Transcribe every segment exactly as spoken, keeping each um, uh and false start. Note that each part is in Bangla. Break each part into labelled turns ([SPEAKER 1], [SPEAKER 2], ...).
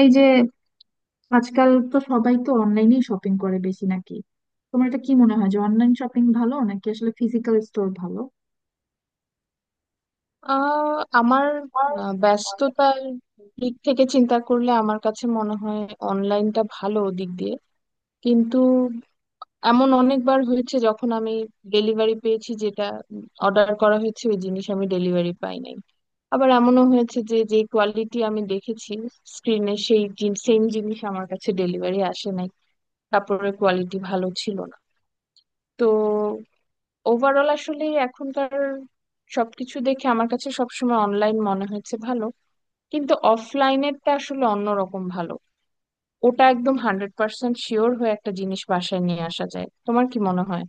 [SPEAKER 1] এই যে আজকাল তো সবাই তো অনলাইনেই শপিং করে বেশি, নাকি? তোমার এটা কি মনে হয় যে অনলাইন শপিং ভালো, নাকি আসলে ফিজিক্যাল স্টোর ভালো?
[SPEAKER 2] আহ আমার আহ, ব্যস্ততার দিক থেকে চিন্তা করলে আমার কাছে মনে হয় অনলাইনটা ভালো দিক দিয়ে। কিন্তু এমন অনেকবার হয়েছে যখন আমি ডেলিভারি পেয়েছি, যেটা অর্ডার করা হয়েছে ওই জিনিস আমি ডেলিভারি পাই নাই। আবার এমনও হয়েছে যে যে কোয়ালিটি আমি দেখেছি স্ক্রিনে, সেই সেম জিনিস আমার কাছে ডেলিভারি আসে নাই, কাপড়ের কোয়ালিটি ভালো ছিল না। তো ওভারঅল আসলে এখনকার সবকিছু দেখে আমার কাছে সবসময় অনলাইন মনে হয়েছে ভালো, কিন্তু অফলাইনেরটা আসলে অন্যরকম ভালো। ওটা একদম হান্ড্রেড পার্সেন্ট শিওর হয়ে একটা জিনিস বাসায় নিয়ে আসা যায়। তোমার কি মনে হয়?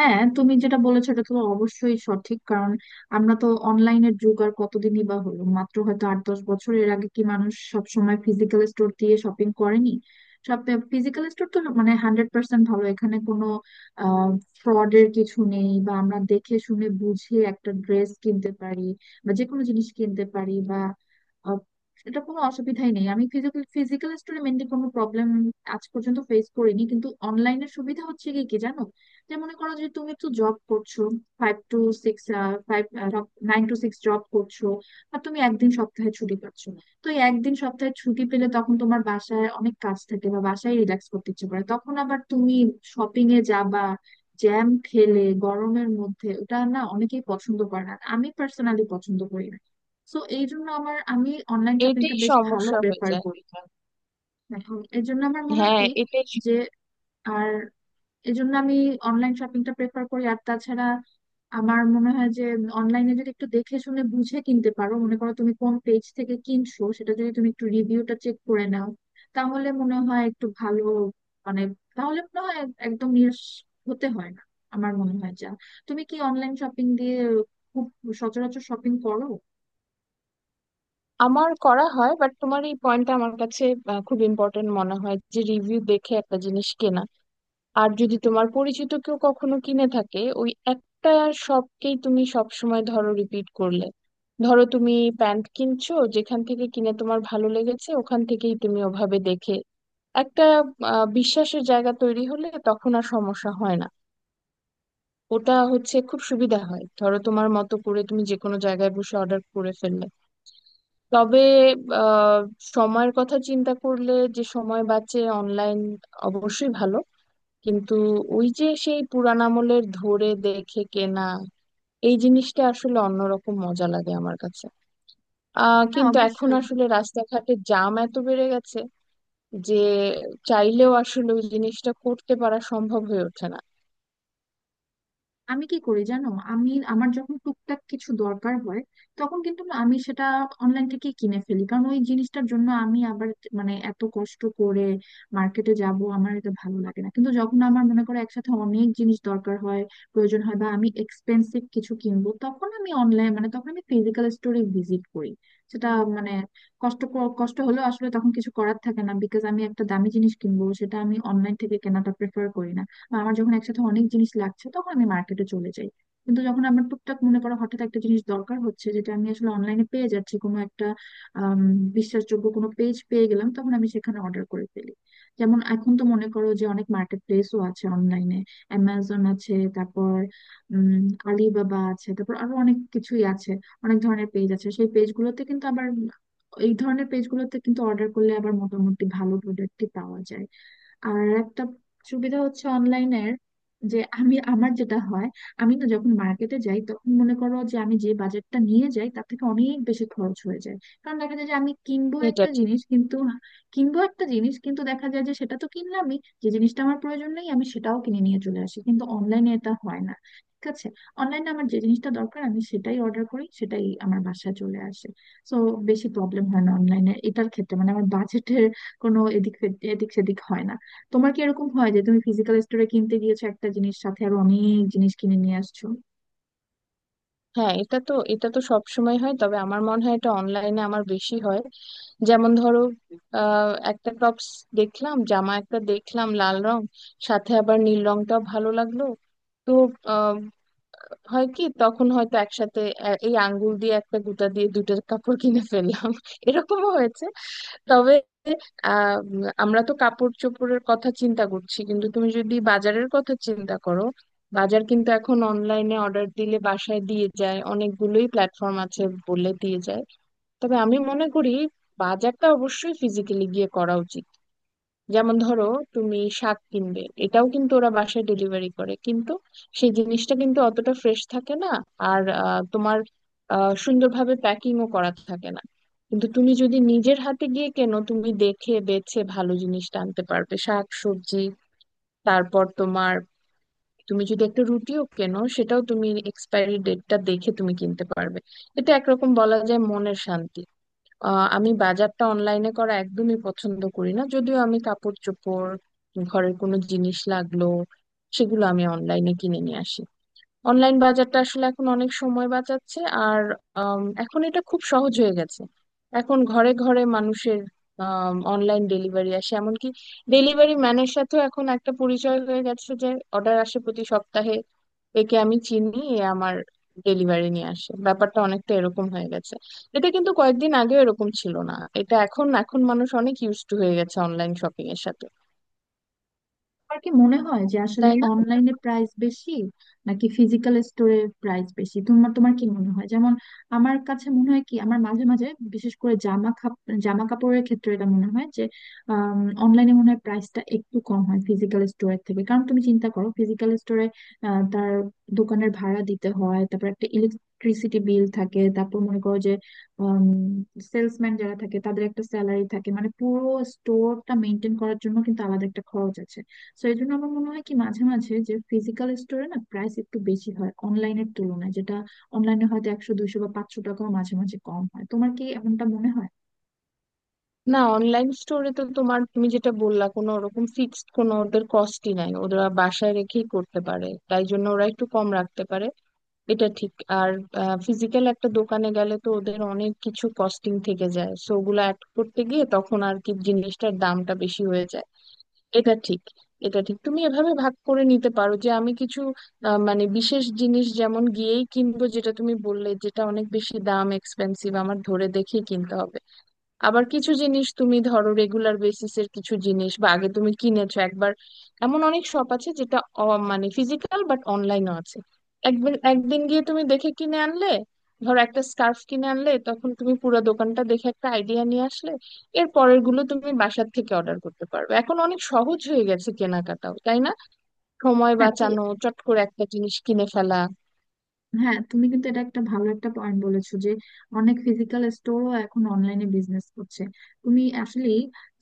[SPEAKER 1] হ্যাঁ, তুমি যেটা বলেছো এটা তো অবশ্যই সঠিক। কারণ আমরা তো অনলাইনের যুগ আর কতদিনই বা হলো, মাত্র হয়তো আট দশ বছর। এর আগে কি মানুষ সব সময় ফিজিক্যাল স্টোর দিয়ে শপিং করেনি? সব ফিজিক্যাল স্টোর তো মানে হান্ড্রেড পার্সেন্ট ভালো, এখানে কোনো আহ ফ্রডের কিছু নেই, বা আমরা দেখে শুনে বুঝে একটা ড্রেস কিনতে পারি, বা যে কোনো জিনিস কিনতে পারি, বা আহ, এটা কোনো অসুবিধাই নেই। আমি ফিজিক্যাল ফিজিক্যাল স্টোরে মেনলি কোনো প্রবলেম আজ পর্যন্ত ফেস করিনি। কিন্তু অনলাইনের সুবিধা হচ্ছে কি কি জানো? যে মনে করো যে তুমি একটু জব করছো, five two six five nine two six job করছো, আর তুমি একদিন সপ্তাহে ছুটি পাচ্ছ। তো এই একদিন সপ্তাহে ছুটি পেলে তখন তোমার বাসায় অনেক কাজ থাকে বা বাসায় রিল্যাক্স করতে ইচ্ছে করে, তখন আবার তুমি শপিং এ যাবা? জ্যাম খেলে গরমের মধ্যে ওটা না অনেকেই পছন্দ করে না, আমি পার্সোনালি পছন্দ করি না। তো এই জন্য আমার আমি অনলাইন শপিংটা
[SPEAKER 2] এটাই
[SPEAKER 1] বেশ ভালো
[SPEAKER 2] সমস্যা হয়ে
[SPEAKER 1] প্রেফার
[SPEAKER 2] যায়।
[SPEAKER 1] করি। এখন এই জন্য আমার মনে হয়
[SPEAKER 2] হ্যাঁ,
[SPEAKER 1] কি,
[SPEAKER 2] এটাই স-
[SPEAKER 1] যে, আর এই জন্য আমি অনলাইন শপিংটা প্রেফার করি। আর তাছাড়া আমার মনে হয় যে অনলাইনে যদি একটু দেখে শুনে বুঝে কিনতে পারো, মনে করো তুমি কোন পেজ থেকে কিনছো, সেটা যদি তুমি একটু রিভিউটা চেক করে নাও, তাহলে মনে হয় একটু ভালো। মানে, তাহলে মনে হয় একদম নিরাশ হতে হয় না। আমার মনে হয় যা। তুমি কি অনলাইন শপিং দিয়ে খুব সচরাচর শপিং করো?
[SPEAKER 2] আমার করা হয়, বাট তোমার এই পয়েন্টটা আমার কাছে আহ, খুব ইম্পর্টেন্ট মনে হয়, যে রিভিউ দেখে একটা জিনিস কেনা। আর যদি তোমার পরিচিত কেউ কখনো কিনে থাকে, ওই একটা শপকেই তুমি সব সময় ধরো রিপিট করলে। ধরো তুমি প্যান্ট কিনছো, যেখান থেকে কিনে তোমার ভালো লেগেছে ওখান থেকেই তুমি ওভাবে দেখে একটা আহ, বিশ্বাসের জায়গা তৈরি হলে তখন আর সমস্যা হয় না। ওটা হচ্ছে খুব সুবিধা হয়, ধরো তোমার মতো করে তুমি যে কোনো জায়গায় বসে অর্ডার করে ফেললে। তবে আহ, সময়ের কথা চিন্তা করলে, যে সময় বাঁচে, অনলাইন অবশ্যই ভালো। কিন্তু ওই যে সেই পুরান আমলের ধরে দেখে কেনা, এই জিনিসটা আসলে অন্যরকম মজা লাগে আমার কাছে। আহ
[SPEAKER 1] হ্যাঁ,
[SPEAKER 2] কিন্তু এখন
[SPEAKER 1] অবশ্যই।
[SPEAKER 2] আসলে রাস্তাঘাটে জ্যাম এত বেড়ে গেছে যে চাইলেও আসলে ওই জিনিসটা করতে পারা সম্ভব হয়ে ওঠে না।
[SPEAKER 1] আমি কি করি জানো, আমি আমার যখন টুকটাক কিছু দরকার হয় তখন কিন্তু না আমি সেটা অনলাইন থেকে কিনে ফেলি। কারণ ওই জিনিসটার জন্য আমি আবার মানে এত কষ্ট করে মার্কেটে যাব, আমার এটা ভালো লাগে না। কিন্তু যখন আমার মনে করো একসাথে অনেক জিনিস দরকার হয়, প্রয়োজন হয়, বা আমি এক্সপেন্সিভ কিছু কিনবো, তখন আমি অনলাইন মানে তখন আমি ফিজিক্যাল স্টোরে ভিজিট করি। সেটা মানে কষ্ট কষ্ট হলেও আসলে তখন কিছু করার থাকে না, বিকজ আমি একটা দামি জিনিস কিনবো, সেটা আমি অনলাইন থেকে কেনাটা প্রেফার করি না। বা আমার যখন একসাথে অনেক জিনিস লাগছে তখন আমি মার্কেটে চলে যাই। কিন্তু যখন আমার টুকটাক মনে করো হঠাৎ একটা জিনিস দরকার হচ্ছে যেটা আমি আসলে অনলাইনে পেয়ে যাচ্ছি, কোনো একটা আম, বিশ্বাসযোগ্য কোনো পেজ পেয়ে গেলাম, তখন আমি সেখানে অর্ডার করে ফেলি। যেমন এখন তো মনে করো যে অনেক মার্কেট প্লেসও আছে অনলাইনে। অ্যামাজন আছে, তারপর উম আলিবাবা আছে, তারপর আরো অনেক কিছুই আছে। অনেক ধরনের পেজ আছে, সেই পেজগুলোতে কিন্তু আবার, এই ধরনের পেজগুলোতে কিন্তু অর্ডার করলে আবার মোটামুটি ভালো প্রোডাক্টই পাওয়া যায়। আর একটা সুবিধা হচ্ছে অনলাইনের, যে আমি আমার যেটা হয়, আমি না যখন মার্কেটে যাই তখন মনে করো যে আমি যে বাজেটটা নিয়ে যাই তার থেকে অনেক বেশি খরচ হয়ে যায়। কারণ দেখা যায় যে আমি কিনবো
[SPEAKER 2] এটা
[SPEAKER 1] একটা
[SPEAKER 2] ঠিক।
[SPEAKER 1] জিনিস কিন্তু কিনবো একটা জিনিস কিন্তু দেখা যায় যে সেটা তো কিনলামই, যে জিনিসটা আমার প্রয়োজন নেই আমি সেটাও কিনে নিয়ে চলে আসি। কিন্তু অনলাইনে এটা হয় না, ঠিক আছে। অনলাইনে আমার যে জিনিসটা দরকার আমি সেটাই অর্ডার করি, সেটাই আমার বাসায় চলে আসে। তো বেশি প্রবলেম হয় না অনলাইনে এটার ক্ষেত্রে, মানে আমার বাজেটের কোনো এদিক সেদিক- এদিক সেদিক হয় না। তোমার কি এরকম হয় যে তুমি ফিজিক্যাল স্টোরে কিনতে গিয়েছো একটা জিনিস, সাথে আরো অনেক জিনিস কিনে নিয়ে আসছো?
[SPEAKER 2] হ্যাঁ, এটা তো এটা তো সব সময় হয়, তবে আমার মনে হয় এটা অনলাইনে আমার বেশি হয়। যেমন ধরো, আহ, একটা টপস দেখলাম, জামা একটা দেখলাম লাল রং, সাথে আবার নীল রংটাও ভালো লাগলো। তো আহ, হয় কি, তখন হয়তো একসাথে এ- এই আঙ্গুল দিয়ে একটা গুটা দিয়ে দুটো কাপড় কিনে ফেললাম এরকমও হয়েছে। তবে আহ, উম, আমরা তো কাপড় চোপড়ের কথা চিন্তা করছি, কিন্তু তুমি যদি বাজারের কথা চিন্তা করো, বাজার কিন্তু এখন অনলাইনে অর্ডার দিলে বাসায় দিয়ে যায়, অনেকগুলোই প্ল্যাটফর্ম আছে, বলে দিয়ে যায়। তবে আমি মনে করি বাজারটা অবশ্যই ফিজিক্যালি গিয়ে করা উচিত। যেমন ধরো, তুমি শাক কিনবে, এটাও কিন্তু ওরা বাসায় ডেলিভারি করে, কিন্তু সেই জিনিসটা কিন্তু অতটা ফ্রেশ থাকে না। আর আহ, তোমার আহ, সুন্দরভাবে প্যাকিংও করা থাকে না। কিন্তু তুমি যদি নিজের হাতে গিয়ে কেনো, তুমি দেখে বেছে ভালো জিনিসটা আনতে পারবে, শাক সবজি। তারপর তোমার, তুমি যদি একটা রুটিও কেনো, সেটাও তুমি এক্সপায়ারি ডেটটা দেখে তুমি কিনতে পারবে। এটা একরকম বলা যায় মনের শান্তি। আহ আমি বাজারটা অনলাইনে করা একদমই পছন্দ করি না, যদিও আমি কাপড় চোপড়, ঘরের কোনো জিনিস লাগলো, সেগুলো আমি অনলাইনে কিনে নিয়ে আসি। অনলাইন বাজারটা আসলে এখন অনেক সময় বাঁচাচ্ছে। আর আম, এখন এটা খুব সহজ হয়ে গেছে। এখন ঘরে ঘরে মানুষের অনলাইন ডেলিভারি আসে, এমনকি ডেলিভারি ম্যানের সাথেও এখন একটা পরিচয় হয়ে গেছে, যে অর্ডার আসে প্রতি সপ্তাহে, একে আমি চিনি, এ আমার ডেলিভারি নিয়ে আসে, ব্যাপারটা অনেকটা এরকম হয়ে গেছে। এটা কিন্তু কয়েকদিন আগে এরকম ছিল না। এটা এখন, এখন মানুষ অনেক ইউজ টু হয়ে গেছে অনলাইন শপিং এর সাথে।
[SPEAKER 1] আমার কি মনে হয় যে আসলে
[SPEAKER 2] তাই না?
[SPEAKER 1] অনলাইনে প্রাইস বেশি, নাকি ফিজিক্যাল স্টোরের প্রাইস বেশি, তোমার তোমার কি মনে হয়? যেমন আমার কাছে মনে হয় কি, আমার মাঝে মাঝে বিশেষ করে জামা খাপ- জামা কাপড়ের ক্ষেত্রে এটা মনে হয় যে অনলাইনে মনে হয় প্রাইসটা একটু কম হয় ফিজিক্যাল স্টোরের থেকে। কারণ তুমি চিন্তা করো ফিজিক্যাল স্টোরে তার দোকানের ভাড়া দিতে হয়, তারপর একটা ইলেকট্রিসিটি বিল থাকে, তারপর মনে করো যে সেলসম্যান যারা থাকে তাদের একটা স্যালারি থাকে, মানে পুরো স্টোরটা মেনটেন করার জন্য কিন্তু আলাদা একটা খরচ আছে। তো এই জন্য আমার মনে হয় কি মাঝে মাঝে, যে ফিজিক্যাল স্টোরে না প্রাইস একটু বেশি হয় অনলাইনের তুলনায়, যেটা অনলাইনে হয়তো একশো দুইশো বা পাঁচশো টাকাও মাঝে মাঝে কম হয়। তোমার কি এমনটা মনে হয়?
[SPEAKER 2] না, অনলাইন স্টোরে তো তোমার, তুমি যেটা বললা, কোনো ওরকম ফিক্সড কোনো ওদের কস্টই নাই, ওরা বাসায় রেখেই করতে পারে, তাই জন্য ওরা একটু কম রাখতে পারে। এটা ঠিক। আর ফিজিক্যাল একটা দোকানে গেলে তো ওদের অনেক কিছু কস্টিং থেকে যায়, সো ওগুলো অ্যাড করতে গিয়ে তখন আর কি জিনিসটার দামটা বেশি হয়ে যায়। এটা ঠিক। এটা ঠিক, তুমি এভাবে ভাগ করে নিতে পারো যে আমি কিছু আহ, মানে বিশেষ জিনিস যেমন গিয়েই কিনবো, যেটা তুমি বললে, যেটা অনেক বেশি দাম, এক্সপেন্সিভ, আমার ধরে দেখে কিনতে হবে। আবার কিছু জিনিস তুমি ধরো রেগুলার বেসিসের কিছু জিনিস, বা আগে তুমি কিনেছো একবার, এমন অনেক শপ আছে যেটা অ- মানে ফিজিক্যাল বাট অনলাইনও আছে। একবার একদিন গিয়ে তুমি দেখে কিনে আনলে, ধরো একটা স্কার্ফ কিনে আনলে, তখন তুমি পুরো দোকানটা দেখে একটা আইডিয়া নিয়ে আসলে, এর পরের গুলো তুমি বাসার থেকে অর্ডার করতে পারবে। এখন অনেক সহজ হয়ে গেছে কেনাকাটাও, তাই না? সময়
[SPEAKER 1] হ্যাঁ, তো
[SPEAKER 2] বাঁচানো, চট করে একটা জিনিস কিনে ফেলা।
[SPEAKER 1] হ্যাঁ, তুমি কিন্তু এটা একটা ভালো একটা পয়েন্ট বলেছো, যে অনেক ফিজিক্যাল স্টোরও এখন অনলাইনে বিজনেস করছে। তুমি আসলে,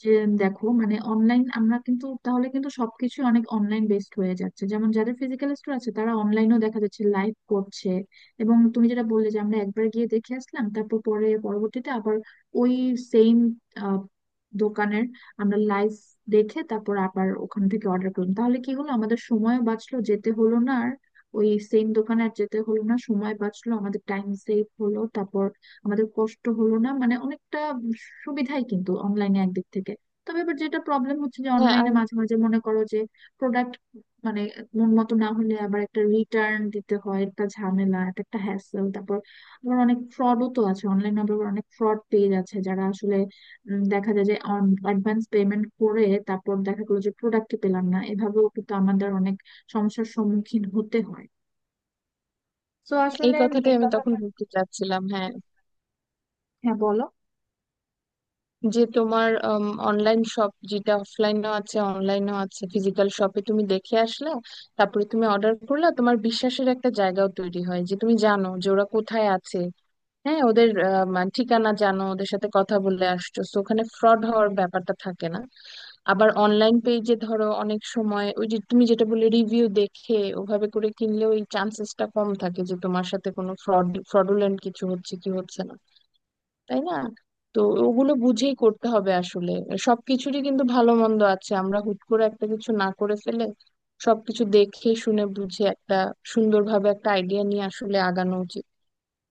[SPEAKER 1] যে দেখো মানে অনলাইন, আমরা কিন্তু তাহলে কিন্তু সবকিছু অনেক অনলাইন বেসড হয়ে যাচ্ছে। যেমন যাদের ফিজিক্যাল স্টোর আছে তারা অনলাইনেও দেখা যাচ্ছে লাইভ করছে। এবং তুমি যেটা বললে যে আমরা একবার গিয়ে দেখে আসলাম, তারপর পরে পরবর্তীতে আবার ওই সেম দোকানের আমরা লাইভ দেখে তারপর আবার ওখান থেকে অর্ডার করলাম, তাহলে কি হলো, আমাদের সময়ও বাঁচলো, যেতে হলো না ওই সেম দোকানে আর যেতে হলো না, সময় বাঁচলো, আমাদের টাইম সেভ হলো। তারপর আমাদের কষ্ট হলো না, মানে অনেকটা সুবিধাই কিন্তু অনলাইনে একদিক থেকে। তবে এবার যেটা প্রবলেম হচ্ছে যে
[SPEAKER 2] হ্যাঁ,
[SPEAKER 1] অনলাইনে
[SPEAKER 2] আর
[SPEAKER 1] মাঝে মাঝে মনে করো যে প্রোডাক্ট মানে মন মতো না হলে আবার একটা রিটার্ন দিতে হয়, একটা ঝামেলা, এটা একটা হ্যাসেল। তারপর আবার অনেক ফ্রডও তো আছে অনলাইনে, আবার অনেক ফ্রড পেজ আছে, যারা আসলে উম, দেখা যায় যে অ্যাডভান্স পেমেন্ট করে, তারপর দেখা গেলো যে প্রোডাক্টই পেলাম না, এভাবেও কিন্তু আমাদের অনেক সমস্যার সম্মুখীন হতে হয়। তো
[SPEAKER 2] এই
[SPEAKER 1] আসলে
[SPEAKER 2] কথাটাই আমি তখন বলতে চাচ্ছিলাম, হ্যাঁ,
[SPEAKER 1] হ্যাঁ, বলো।
[SPEAKER 2] যে তোমার অনলাইন শপ যেটা অফলাইনও আছে অনলাইনও আছে, ফিজিক্যাল শপে তুমি দেখে আসলে, তারপরে তুমি অর্ডার করলে, তোমার বিশ্বাসের একটা জায়গাও তৈরি হয়, যে তুমি জানো যে ওরা কোথায় আছে। হ্যাঁ, ওদের আহ, মা- ঠিকানা জানো, ওদের সাথে কথা বলে আসছো, তো ওখানে ফ্রড হওয়ার ব্যাপারটা থাকে না। আবার অনলাইন পেজে ধরো অনেক সময় ওই যে তুমি যেটা বলে রিভিউ দেখে ওভাবে করে কিনলে, ওই চান্সেসটা কম থাকে যে তোমার সাথে কোনো ফ্রড, ফ্রডুলেন্ট কিছু হচ্ছে কি হচ্ছে না। তাই না? তো ওগুলো বুঝেই করতে হবে আসলে। সবকিছুরই কিন্তু ভালো মন্দ আছে, আমরা হুট করে একটা কিছু না করে ফেলে, সবকিছু দেখে শুনে বুঝে একটা সুন্দরভাবে একটা আইডিয়া নিয়ে আসলে আগানো উচিত।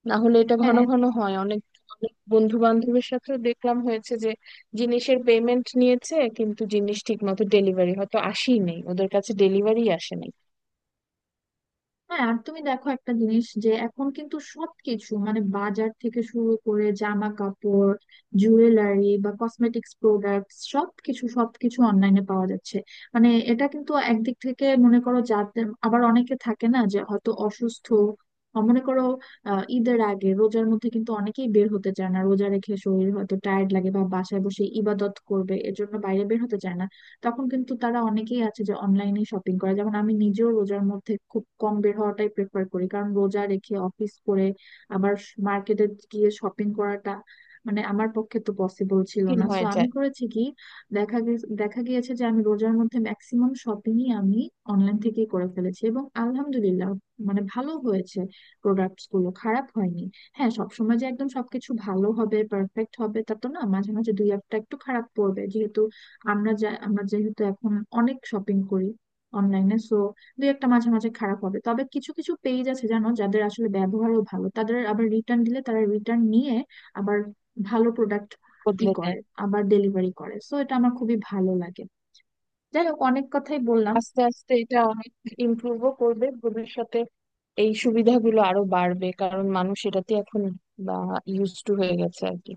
[SPEAKER 2] না হলে এটা
[SPEAKER 1] হ্যাঁ,
[SPEAKER 2] ঘন
[SPEAKER 1] হ্যাঁ।
[SPEAKER 2] ঘন হয়, অনেক অনেক বন্ধু বান্ধবের সাথে দেখলাম হয়েছে যে জিনিসের পেমেন্ট নিয়েছে, কিন্তু জিনিস ঠিক মতো ডেলিভারি হয়তো আসেই নেই, ওদের কাছে ডেলিভারি আসে নাই।
[SPEAKER 1] আর তুমি দেখো একটা জিনিস, যে এখন কিন্তু সবকিছু মানে বাজার থেকে শুরু করে জামা কাপড়, জুয়েলারি বা কসমেটিক্স প্রোডাক্টস, সবকিছু সবকিছু অনলাইনে পাওয়া যাচ্ছে। মানে এটা কিন্তু একদিক থেকে মনে করো যাদের আবার অনেকে থাকে না, যে হয়তো অসুস্থ, আহ, মনে করো আহ, ঈদের আগে রোজার মধ্যে কিন্তু অনেকেই বের হতে চায় না। রোজা রেখে শরীর হয়তো টায়ার্ড লাগে বা বাসায় বসে ইবাদত করবে, এজন্য বাইরে বের হতে চায় না। তখন কিন্তু তারা অনেকেই আছে যে অনলাইনে শপিং করে। যেমন আমি নিজেও রোজার মধ্যে খুব কম বের হওয়াটাই প্রেফার করি, কারণ রোজা রেখে অফিস করে আবার মার্কেটে গিয়ে শপিং করাটা মানে আমার পক্ষে তো পসিবল ছিল
[SPEAKER 2] ঠিক
[SPEAKER 1] না। সো
[SPEAKER 2] হয়ে
[SPEAKER 1] আমি
[SPEAKER 2] যায়।
[SPEAKER 1] করেছি কি, দেখা গেছে দেখা গিয়েছে যে আমি রোজার মধ্যে ম্যাক্সিমাম শপিংই আমি অনলাইন থেকেই করে ফেলেছি, এবং আলহামদুলিল্লাহ মানে ভালো হয়েছে, প্রোডাক্টস গুলো খারাপ হয়নি। হ্যাঁ, সবসময় যে একদম সবকিছু ভালো হবে পারফেক্ট হবে তা তো না, মাঝে মাঝে দুই একটা একটু খারাপ পড়বে, যেহেতু আমরা যা আমরা যেহেতু এখন অনেক শপিং করি অনলাইনে। সো দুই একটা মাঝে মাঝে খারাপ হবে, তবে কিছু কিছু পেজ আছে জানো যাদের আসলে ব্যবহারও ভালো, তাদের আবার রিটার্ন দিলে তারা রিটার্ন নিয়ে আবার ভালো প্রোডাক্ট ই
[SPEAKER 2] বদলে দেয়।
[SPEAKER 1] করে, আবার ডেলিভারি করে। সো এটা আমার খুবই ভালো লাগে। যাই হোক, অনেক কথাই বললাম।
[SPEAKER 2] আস্তে আস্তে এটা অনেক ইমপ্রুভও করবে ভবিষ্যতে। এই সুবিধাগুলো আরো বাড়বে, কারণ মানুষ এটাতে এখন ইউজ টু হয়ে গেছে আর কি।